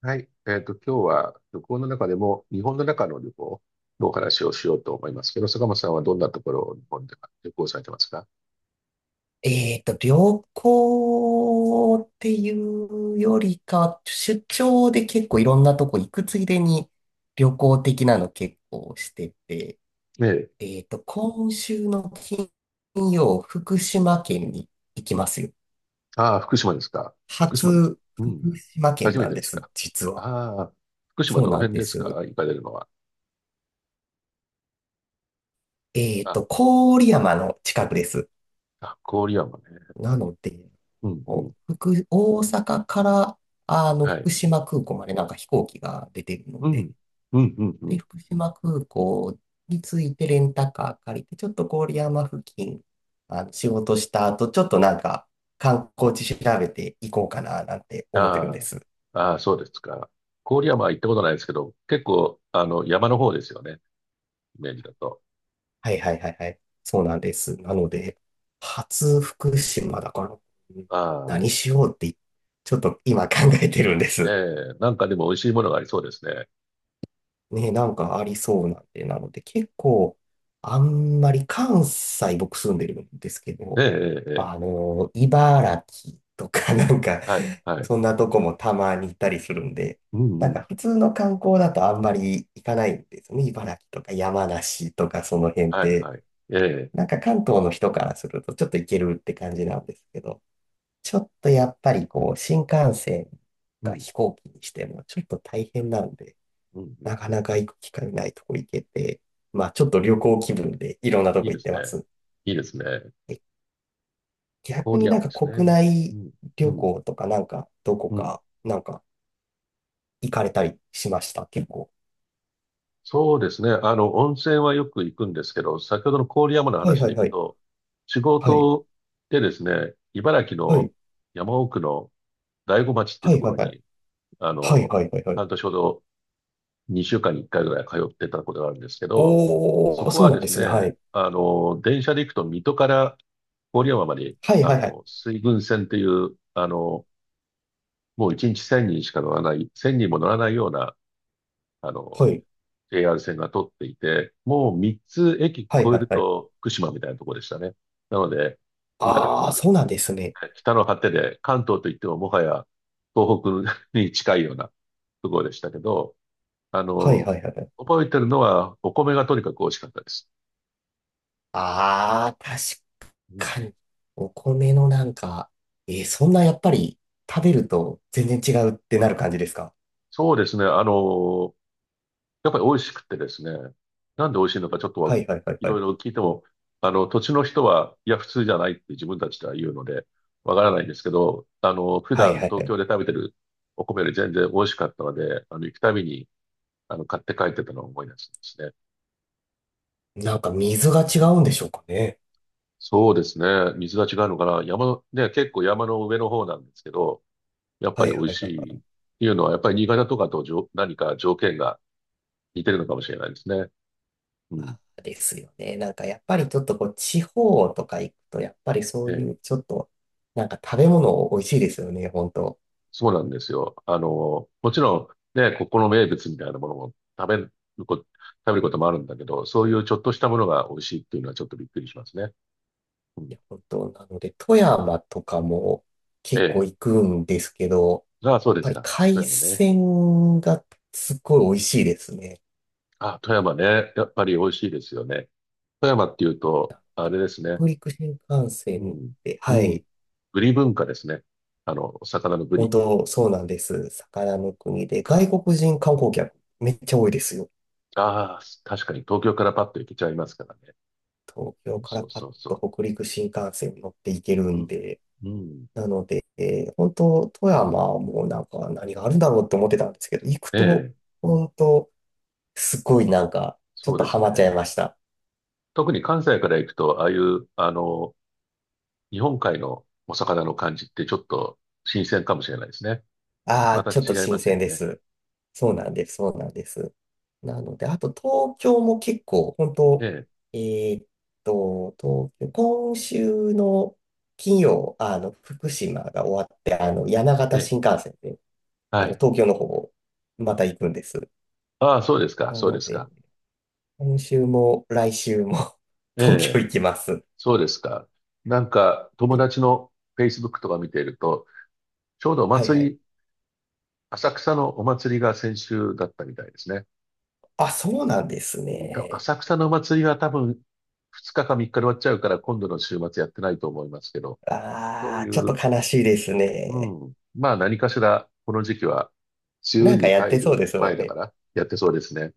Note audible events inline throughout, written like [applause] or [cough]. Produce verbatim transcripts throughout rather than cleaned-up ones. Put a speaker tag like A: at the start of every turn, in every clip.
A: はい。えっと、今日は旅行の中でも、日本の中の旅行のお話をしようと思いますけど、坂本さんはどんなところを日本で旅行されてますか？
B: えっと、旅行っていうよりか、出張で結構いろんなとこ行くついでに旅行的なの結構してて、
A: ねえ。
B: えっと、今週の金曜、福島県に行きますよ。
A: ああ、福島ですか。福島、
B: 初、
A: うん、
B: 福島県
A: 初め
B: な
A: て
B: ん
A: で
B: で
A: す
B: す、
A: か。
B: 実は。
A: ああ、福島
B: そう
A: どの
B: なん
A: 辺
B: で
A: ですか
B: す。
A: 行かれるのは。
B: えっ
A: あ、
B: と、郡山の近くです。
A: あ、郡山ね。
B: なので、
A: うん、うん、
B: こう福、大阪から、あの、
A: は
B: 福
A: い。
B: 島空港までなんか飛行機が出てるの
A: うん、
B: で、
A: うん、うん、う
B: で、
A: ん。
B: 福島空港に着いてレンタカー借りて、ちょっと郡山付近、あの仕事した後、ちょっとなんか観光地調べていこうかななんて思ってるんで
A: あ
B: す。
A: あ、ああ、そうですか。郡山は行ったことないですけど、結構、あの、山の方ですよね。イメージだと。
B: はいはいはいはい。そうなんです。なので、初福島だから、うん、
A: あ
B: 何
A: あ、
B: しようって、ちょっと今考えてるんです。
A: ええ、なんかでも美味しいものがありそうですね。
B: ね、なんかありそうなんで、なので結構、あんまり関西僕住んでるんですけ
A: え
B: ど、
A: え、ええ、ええ、
B: あの、茨城とか [laughs] なんか、
A: はい、はい。
B: そんなとこもたまに行ったりするんで、
A: うん、
B: な
A: う
B: ん
A: ん。
B: か普通の観光だとあんまり行かないんですよね。茨城とか山梨とかその辺っ
A: はい、
B: て、
A: はい。ええ、
B: なんか関東の人からするとちょっと行けるって感じなんですけど、ちょっとやっぱりこう、新幹線
A: う
B: か
A: ん、
B: 飛行機にしてもちょっと大変なんで、
A: うん、うん。
B: なかなか行く機会ないとこ行けて、まあちょっと旅行気分でいろんなと
A: いい
B: こ
A: で
B: 行っ
A: す
B: てま
A: ね。
B: す。
A: いいですね。
B: 逆
A: 郡
B: になん
A: 山で
B: か
A: す
B: 国
A: ね。う
B: 内
A: ん、う
B: 旅
A: ん、
B: 行とかなんかどこ
A: うん。
B: かなんか行かれたりしました結構。
A: そうですね。あの、温泉はよく行くんですけど、先ほどの郡山の
B: はい
A: 話
B: は
A: で
B: い
A: いく
B: はい。
A: と、仕
B: はい。
A: 事でですね、茨城
B: は
A: の
B: い。
A: 山奥の大子町っていう
B: は
A: と
B: い
A: こ
B: は
A: ろ
B: いはい。
A: に、あ
B: はい
A: の、
B: はいはいはい。
A: 半年ほどにしゅうかんにいっかいぐらい通ってたことがあるんですけど、
B: お
A: そ
B: ー、
A: こ
B: そ
A: は
B: うなん
A: で
B: で
A: す
B: す
A: ね、
B: ね。はい。
A: あの、電車で行くと水戸から郡山まで、
B: はい
A: あ
B: はいはい。
A: の、水郡線っていう、あの、もういちにちせんにんしか乗らない、せんにんも乗らないような、あの、
B: はい。
A: エーアール 線が通っていて、もうみっつ駅越
B: はい
A: え
B: はい
A: る
B: はい。
A: と福島みたいなところでしたね。なので、茨城
B: あー、そうなんですね。
A: と北の果てで関東といってももはや東北に近いようなところでしたけど、あ
B: はい
A: の、
B: はいはいはい。
A: 覚えてるのは、お米がとにかく美味しかったです。
B: あー、
A: うん。
B: 確かに。お米のなんか、えーそんなやっぱり食べると全然違うってなる感じですか？
A: そうですね。あの、やっぱり美味しくてですね。なんで美味しいのかちょっと
B: は
A: は
B: いはいはい
A: い
B: は
A: ろ
B: い。
A: いろ聞いても、あの、土地の人は、いや、普通じゃないって自分たちでは言うので、わからないんですけど、あの、普
B: はい
A: 段
B: はいは
A: 東
B: い。
A: 京で食べてるお米より全然美味しかったので、あの、行くたびに、あの、買って帰ってたのを思い出すんですね。
B: なんか水が違うんでしょうかね。
A: そうですね。水が違うのかな。山の、ね、結構山の上の方なんですけど、やっぱ
B: は
A: り
B: い
A: 美味
B: はい
A: し
B: はいは
A: いっ
B: い。
A: ていうのは、やっぱり新潟とかとじょ何か条件が似てるのかもしれないですね。うん。
B: あー、ですよね。なんかやっぱりちょっとこう地方とか行くと、やっぱりそ
A: え
B: う
A: え、
B: いうちょっと、なんか食べ物美味しいですよね、本当。
A: そうなんですよ。あの、もちろんね、ここの名物みたいなものも食べるこ、食べることもあるんだけど、そういうちょっとしたものが美味しいっていうのはちょっとびっくりしますね。うん。
B: いや、本当。なので、富山とかも
A: え
B: 結構
A: え。
B: 行くんですけど、やっ
A: ああ、そうです
B: ぱり
A: か。富
B: 海
A: 山ね。
B: 鮮がすっごい美味しいですね。
A: あ、富山ね。やっぱり美味しいですよね。富山っていうと、あれですね。
B: 北陸新幹
A: う
B: 線っ
A: ん。
B: て、
A: う
B: は
A: ん。
B: い、
A: ブリ文化ですね。あの、お魚のブ
B: 本
A: リ。
B: 当そうなんです。魚の国で、外国人観光客めっちゃ多いですよ。
A: ああ、確かに東京からパッと行けちゃいますからね。
B: 東京か
A: そ
B: ら
A: う
B: パ
A: そ
B: ッ
A: うそ
B: と北陸新幹線に乗っていける
A: う。う
B: ん
A: ん。
B: で、
A: うん。
B: なので、えー本当、富山もなんか何があるんだろうって思ってたんですけど、行く
A: え
B: と、
A: え、
B: 本当、すごいなんか、ちょっ
A: そう
B: と
A: で
B: ハ
A: す
B: マ
A: ね。
B: っちゃいました。
A: 特に関西から行くと、ああいう、あの、日本海のお魚の感じってちょっと新鮮かもしれないですね。
B: あ
A: ま
B: あ、
A: た
B: ちょっと
A: 違いま
B: 新
A: すよ
B: 鮮で
A: ね。
B: す。そうなんです、そうなんです。なので、あと東京も結構、本
A: え
B: 当、
A: え、
B: えーっと、東京、今週の金曜、あの、福島が終わって、あの、山
A: え
B: 形
A: え、
B: 新幹線で、
A: は
B: あの、
A: い。
B: 東京の方、また行くんです。
A: ああ、そうですか、
B: な
A: そう
B: の
A: です
B: で、
A: か。
B: 今週も来週も [laughs]
A: え
B: 東京
A: え、
B: 行きますっ
A: そうですか。なんか、友
B: て。
A: 達の Facebook とか見ていると、ちょうどお
B: はいは
A: 祭
B: い。
A: り、浅草のお祭りが先週だったみたいですね。
B: あ、そうなんです
A: うん、多分
B: ね。
A: 浅草のお祭りは多分ふつかかみっかで終わっちゃうから今度の週末やってないと思いますけど、そう
B: ああ、
A: い
B: ちょっと
A: う、
B: 悲しいです
A: う
B: ね。
A: ん、まあ何かしらこの時期は梅
B: な
A: 雨
B: んか
A: に
B: やっ
A: 入
B: てそう
A: る
B: ですも
A: 前
B: ん
A: だか
B: ね。
A: らやってそうですね。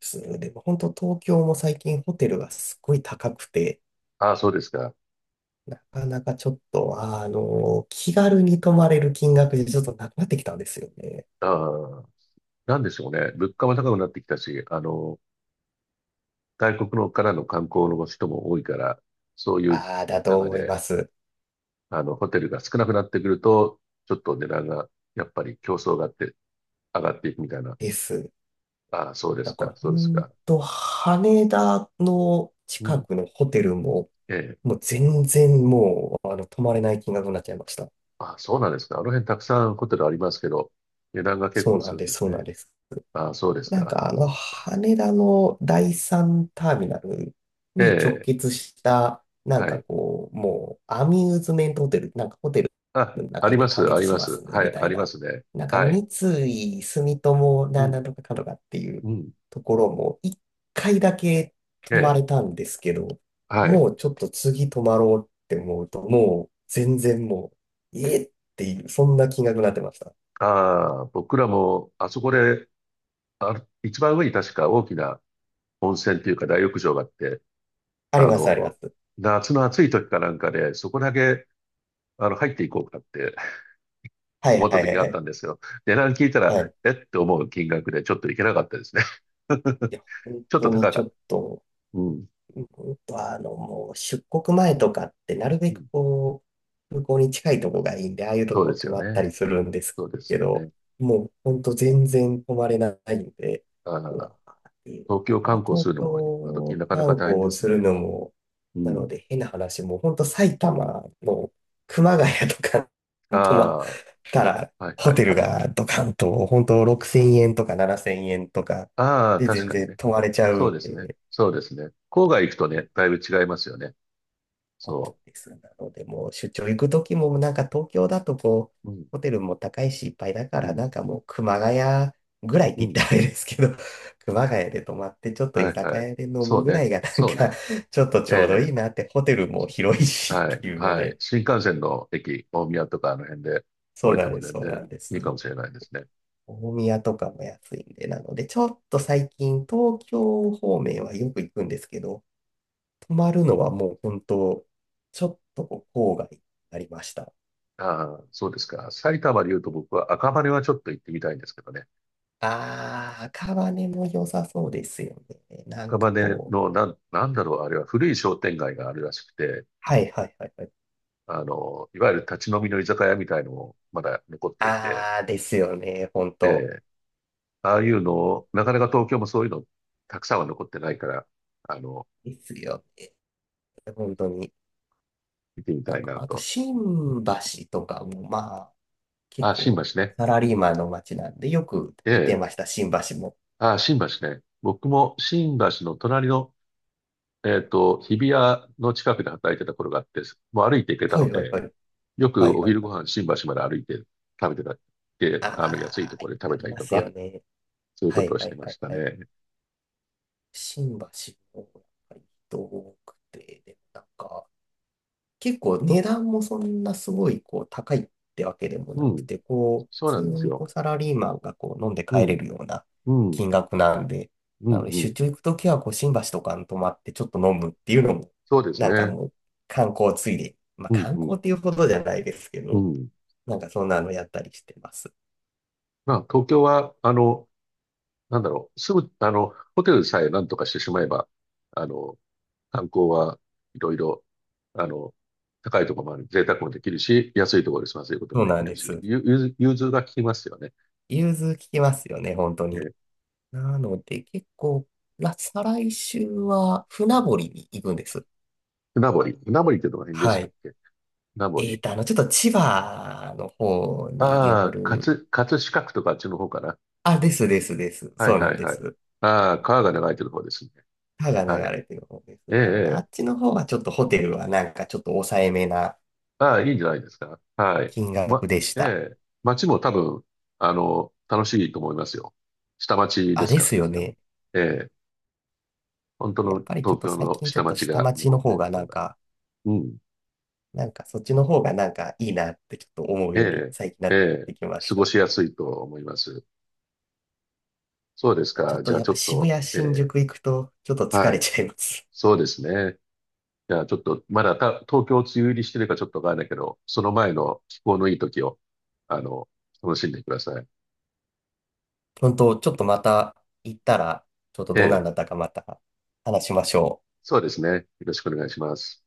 B: すでも本当東京も最近ホテルがすっごい高くて、
A: ああ、そうですか。
B: なかなかちょっと、あの、気軽に泊まれる金額でちょっとなくなってきたんですよね。
A: ああ、なんでしょうね。物価も高くなってきたし、あの、外国のからの観光の人も多いから、そういう
B: ああ、だと
A: 中
B: 思い
A: で、
B: ます。
A: あの、ホテルが少なくなってくると、ちょっと値段が、やっぱり競争があって、上がっていくみたいな。
B: です。
A: ああ、そうです
B: だから、
A: か、
B: ほ
A: そうです
B: ん
A: か。
B: と、羽田の
A: う
B: 近
A: ん。
B: くのホテルも、
A: ええ。
B: もう全然もう、あの、泊まれない金額になっちゃいました。
A: あ、そうなんですか。あの辺たくさんホテルありますけど、値段が結
B: そう
A: 構す
B: なん
A: るん
B: で
A: で
B: す、
A: す
B: そうな
A: ね。
B: んです。
A: あ、そうです
B: なん
A: か。
B: かあ
A: そ
B: の、
A: うですか。
B: 羽田の第三ターミナル
A: え
B: に直
A: え、
B: 結した、なん
A: は
B: か
A: い。
B: こう、もうアミューズメントホテル、なんかホテル
A: あ、
B: の
A: あり
B: 中で
A: ま
B: 完
A: す、あ
B: 結
A: り
B: し
A: ま
B: ます
A: す。は
B: み
A: い、
B: た
A: あ
B: い
A: りま
B: な、
A: すね。
B: なんか
A: はい。
B: 三井住友
A: う
B: なん
A: ん、
B: なんとかかとかっていう
A: うん。
B: ところも一回だけ
A: え
B: 泊まれ
A: え、
B: たんですけど、
A: はい。
B: もうちょっと次泊まろうって思うと、もう全然もう、えっていう、そんな金額になってました。
A: ああ、僕らも、あそこで、あ、一番上に確か大きな温泉というか大浴場があって、
B: あり
A: あ
B: ます、ありま
A: の、
B: す。
A: 夏の暑い時かなんかで、そこだけ、あの、入っていこうかって
B: はい
A: 思った
B: はい
A: 時
B: はい
A: があ
B: は
A: った
B: い。
A: んですよ。値段聞いた
B: は
A: ら、
B: い、
A: えって思う金額でちょっといけなかったですね。[laughs]
B: いや、本
A: ちょっと
B: 当
A: 高
B: にち
A: かっ
B: ょ
A: た。
B: っと
A: うん。
B: うんと、あの、もう出国前とかって、なる
A: う
B: べく
A: ん、
B: こう、空港に近いとこがいいんで、ああいうと
A: そうで
B: こ
A: す
B: 泊
A: よ
B: まった
A: ね。
B: りするんです
A: そうです
B: け
A: よ
B: ど、
A: ね。
B: もうほんと全然泊まれないんで、
A: あ
B: うわ
A: あ、
B: ーっていう。
A: 東
B: だ
A: 京
B: か
A: 観
B: ら
A: 光す
B: 東
A: るのも今時
B: 京
A: なかなか
B: 観
A: 大変で
B: 光
A: す
B: する
A: ね。
B: のも、
A: う
B: なの
A: ん。
B: で変な話、もうほんと埼玉の熊谷とか
A: あ
B: 泊まったら、
A: あ、はい
B: ホ
A: は
B: テ
A: い
B: ル
A: はい。
B: がドカンと、ほんとろくせんえんとかななせんえんとか
A: ああ、
B: で
A: 確
B: 全
A: かに
B: 然
A: ね。
B: 泊まれちゃう
A: そ
B: っ
A: うですね。
B: て。
A: そうですね。郊外行くとね、だいぶ違いますよね。
B: そうなん
A: そ
B: です。なので、もう出張行くときも、なんか東京だとこう、
A: う。うん、
B: ホテルも高いしいっぱいだか
A: う
B: ら、なん
A: ん、
B: かもう熊谷ぐらいっ
A: う
B: て言った
A: ん。
B: らあれですけど、[laughs] 熊谷で泊まってちょっと
A: は
B: 居
A: い
B: 酒
A: はい。
B: 屋で飲
A: そ
B: む
A: う
B: ぐら
A: ね。
B: いがなん
A: そう
B: か
A: ね。
B: [laughs] ちょっと
A: え
B: ちょうどいいな
A: え、
B: って、ホテルも広いし
A: は
B: っ
A: い、
B: ていうの
A: はい。
B: で、
A: 新幹線の駅、大宮とかあの辺で降
B: そう
A: りて
B: なん
A: も
B: です、
A: 全
B: そうな
A: 然
B: んです。
A: いいかもしれないですね。
B: 大宮とかも安いんで、なので、ちょっと最近東京方面はよく行くんですけど、泊まるのはもう本当、ちょっとこう郊外になりました。
A: ああ、そうですか。埼玉で言うと僕は赤羽はちょっと行ってみたいんですけどね。
B: ああ、赤羽も良さそうですよね。なん
A: 赤
B: か
A: 羽
B: こう、
A: のなん、なんだろう、あれは古い商店街があるらしくて、
B: はいはいはいはい。
A: あの、いわゆる立ち飲みの居酒屋みたいのもまだ残っていて、
B: ああ、ですよね、本
A: え
B: 当、
A: え、ああいうのを、なかなか東京もそういうのたくさんは残ってないから、あの、
B: ですよね、本当に。
A: 見てみ
B: だ
A: たい
B: か
A: な
B: ら、あと、
A: と。
B: 新橋とかも、まあ、結
A: ああ、新橋
B: 構、
A: ね。
B: サラリーマンの街なんで、よく
A: え
B: 行って
A: え、
B: ました、新橋も。
A: ああ、新橋ね。僕も新橋の隣のえっと、日比谷の近くで働いてた頃があって、もう歩いて行けた
B: は
A: の
B: いはい
A: で、
B: はい。
A: よ
B: は
A: く
B: い
A: お
B: はい
A: 昼
B: は
A: ご
B: い。
A: 飯新橋まで歩いて食べてたって、あの、安い
B: あ
A: と
B: あ、
A: ころで食
B: あ
A: べ
B: り
A: たり
B: ま
A: と
B: す
A: か、
B: よね。
A: そういう
B: は
A: こと
B: い
A: をし
B: は
A: て
B: い
A: ま
B: は
A: し
B: い
A: た
B: はい。
A: ね。
B: 新橋も、やっぱり人多くて、で、なんか、結構値段もそんなすごいこう高いってわけでもな
A: う
B: く
A: ん、
B: て、こう、
A: そう
B: 普通
A: なんです
B: にこ
A: よ。
B: うサラリーマンがこう飲んで
A: う
B: 帰れ
A: ん、
B: るような
A: うん、
B: 金額なんで、
A: う
B: な
A: ん、
B: ので
A: う
B: 出
A: ん。
B: 張行くときはこう新橋とかに泊まってちょっと飲むっていうのも、
A: そうです
B: なんか
A: ね。
B: もう観光ついで、まあ
A: うん、
B: 観
A: うん、
B: 光っていうほどじゃないですけ
A: う
B: ど、
A: ん。
B: なんかそんなのやったりしてます。
A: まあ、東京は、あの、なんだろう、すぐ、あの、ホテルさえなんとかしてしまえば、あの、観光はいろいろ、あの、高いところもある、贅沢もできるし、安いところで済ませることも
B: そう
A: でき
B: なん
A: る
B: で
A: し、
B: す。
A: ゆ融通融通が効きますよね。
B: 融通聞きますよね、本当
A: え
B: に。
A: ー、
B: なので結構、ら再来週は船堀に行くんです。
A: 船堀。船堀ってどの辺でし
B: は
A: たっ
B: い。
A: け？船
B: え
A: 堀。
B: ーと、あの、ちょっと千葉の方によ
A: ああ、
B: る。
A: 葛、葛飾区とかあっちの方かな。
B: あ、ですですです。
A: は
B: そ
A: い
B: うな
A: は
B: ん
A: い
B: で
A: はい。
B: す。
A: ああ、
B: あ
A: 川
B: の
A: が流れてる方ですね。
B: 川
A: は
B: が
A: い。
B: 流れてる方で
A: え
B: す。
A: え、
B: なので、あ
A: ええ。
B: っちの方はちょっとホテルはなんかちょっと抑えめな
A: ああ、いいんじゃないですか。はい。
B: 金額
A: ま、
B: でし
A: え
B: た。
A: え、街も多分、あの、楽しいと思いますよ。下町で
B: あ、
A: す
B: で
A: から
B: す
A: ね、
B: よ
A: 多分。
B: ね。
A: ええ。本当
B: や
A: の
B: っぱりちょっ
A: 東
B: と
A: 京
B: 最
A: の
B: 近ち
A: 下
B: ょっと
A: 町
B: 下
A: が
B: 町
A: 残
B: の
A: ってい
B: 方
A: ると
B: が
A: こ
B: な
A: ろ
B: ん
A: が。
B: か、
A: うん。
B: なんかそっちの方がなんかいいなってちょっと思う
A: え
B: ように最近な
A: え、え
B: っ
A: え、
B: てきま
A: 過
B: し
A: ご
B: た。
A: しやすいと思います。そうです
B: ちょっ
A: か。じ
B: と
A: ゃあ
B: やっ
A: ちょ
B: ぱ
A: っ
B: 渋
A: と、
B: 谷、
A: え
B: 新
A: え、
B: 宿行くとちょっと疲
A: は
B: れ
A: い。
B: ちゃいます。
A: そうですね。じゃあちょっと、まだた東京梅雨入りしてるかちょっとわからないけど、その前の気候のいい時を、あの、楽しんでください。
B: 本当、ちょっとまた行ったら、ちょっと
A: え
B: どんなん
A: え、
B: だったかまた話しましょう。
A: そうですね。よろしくお願いします。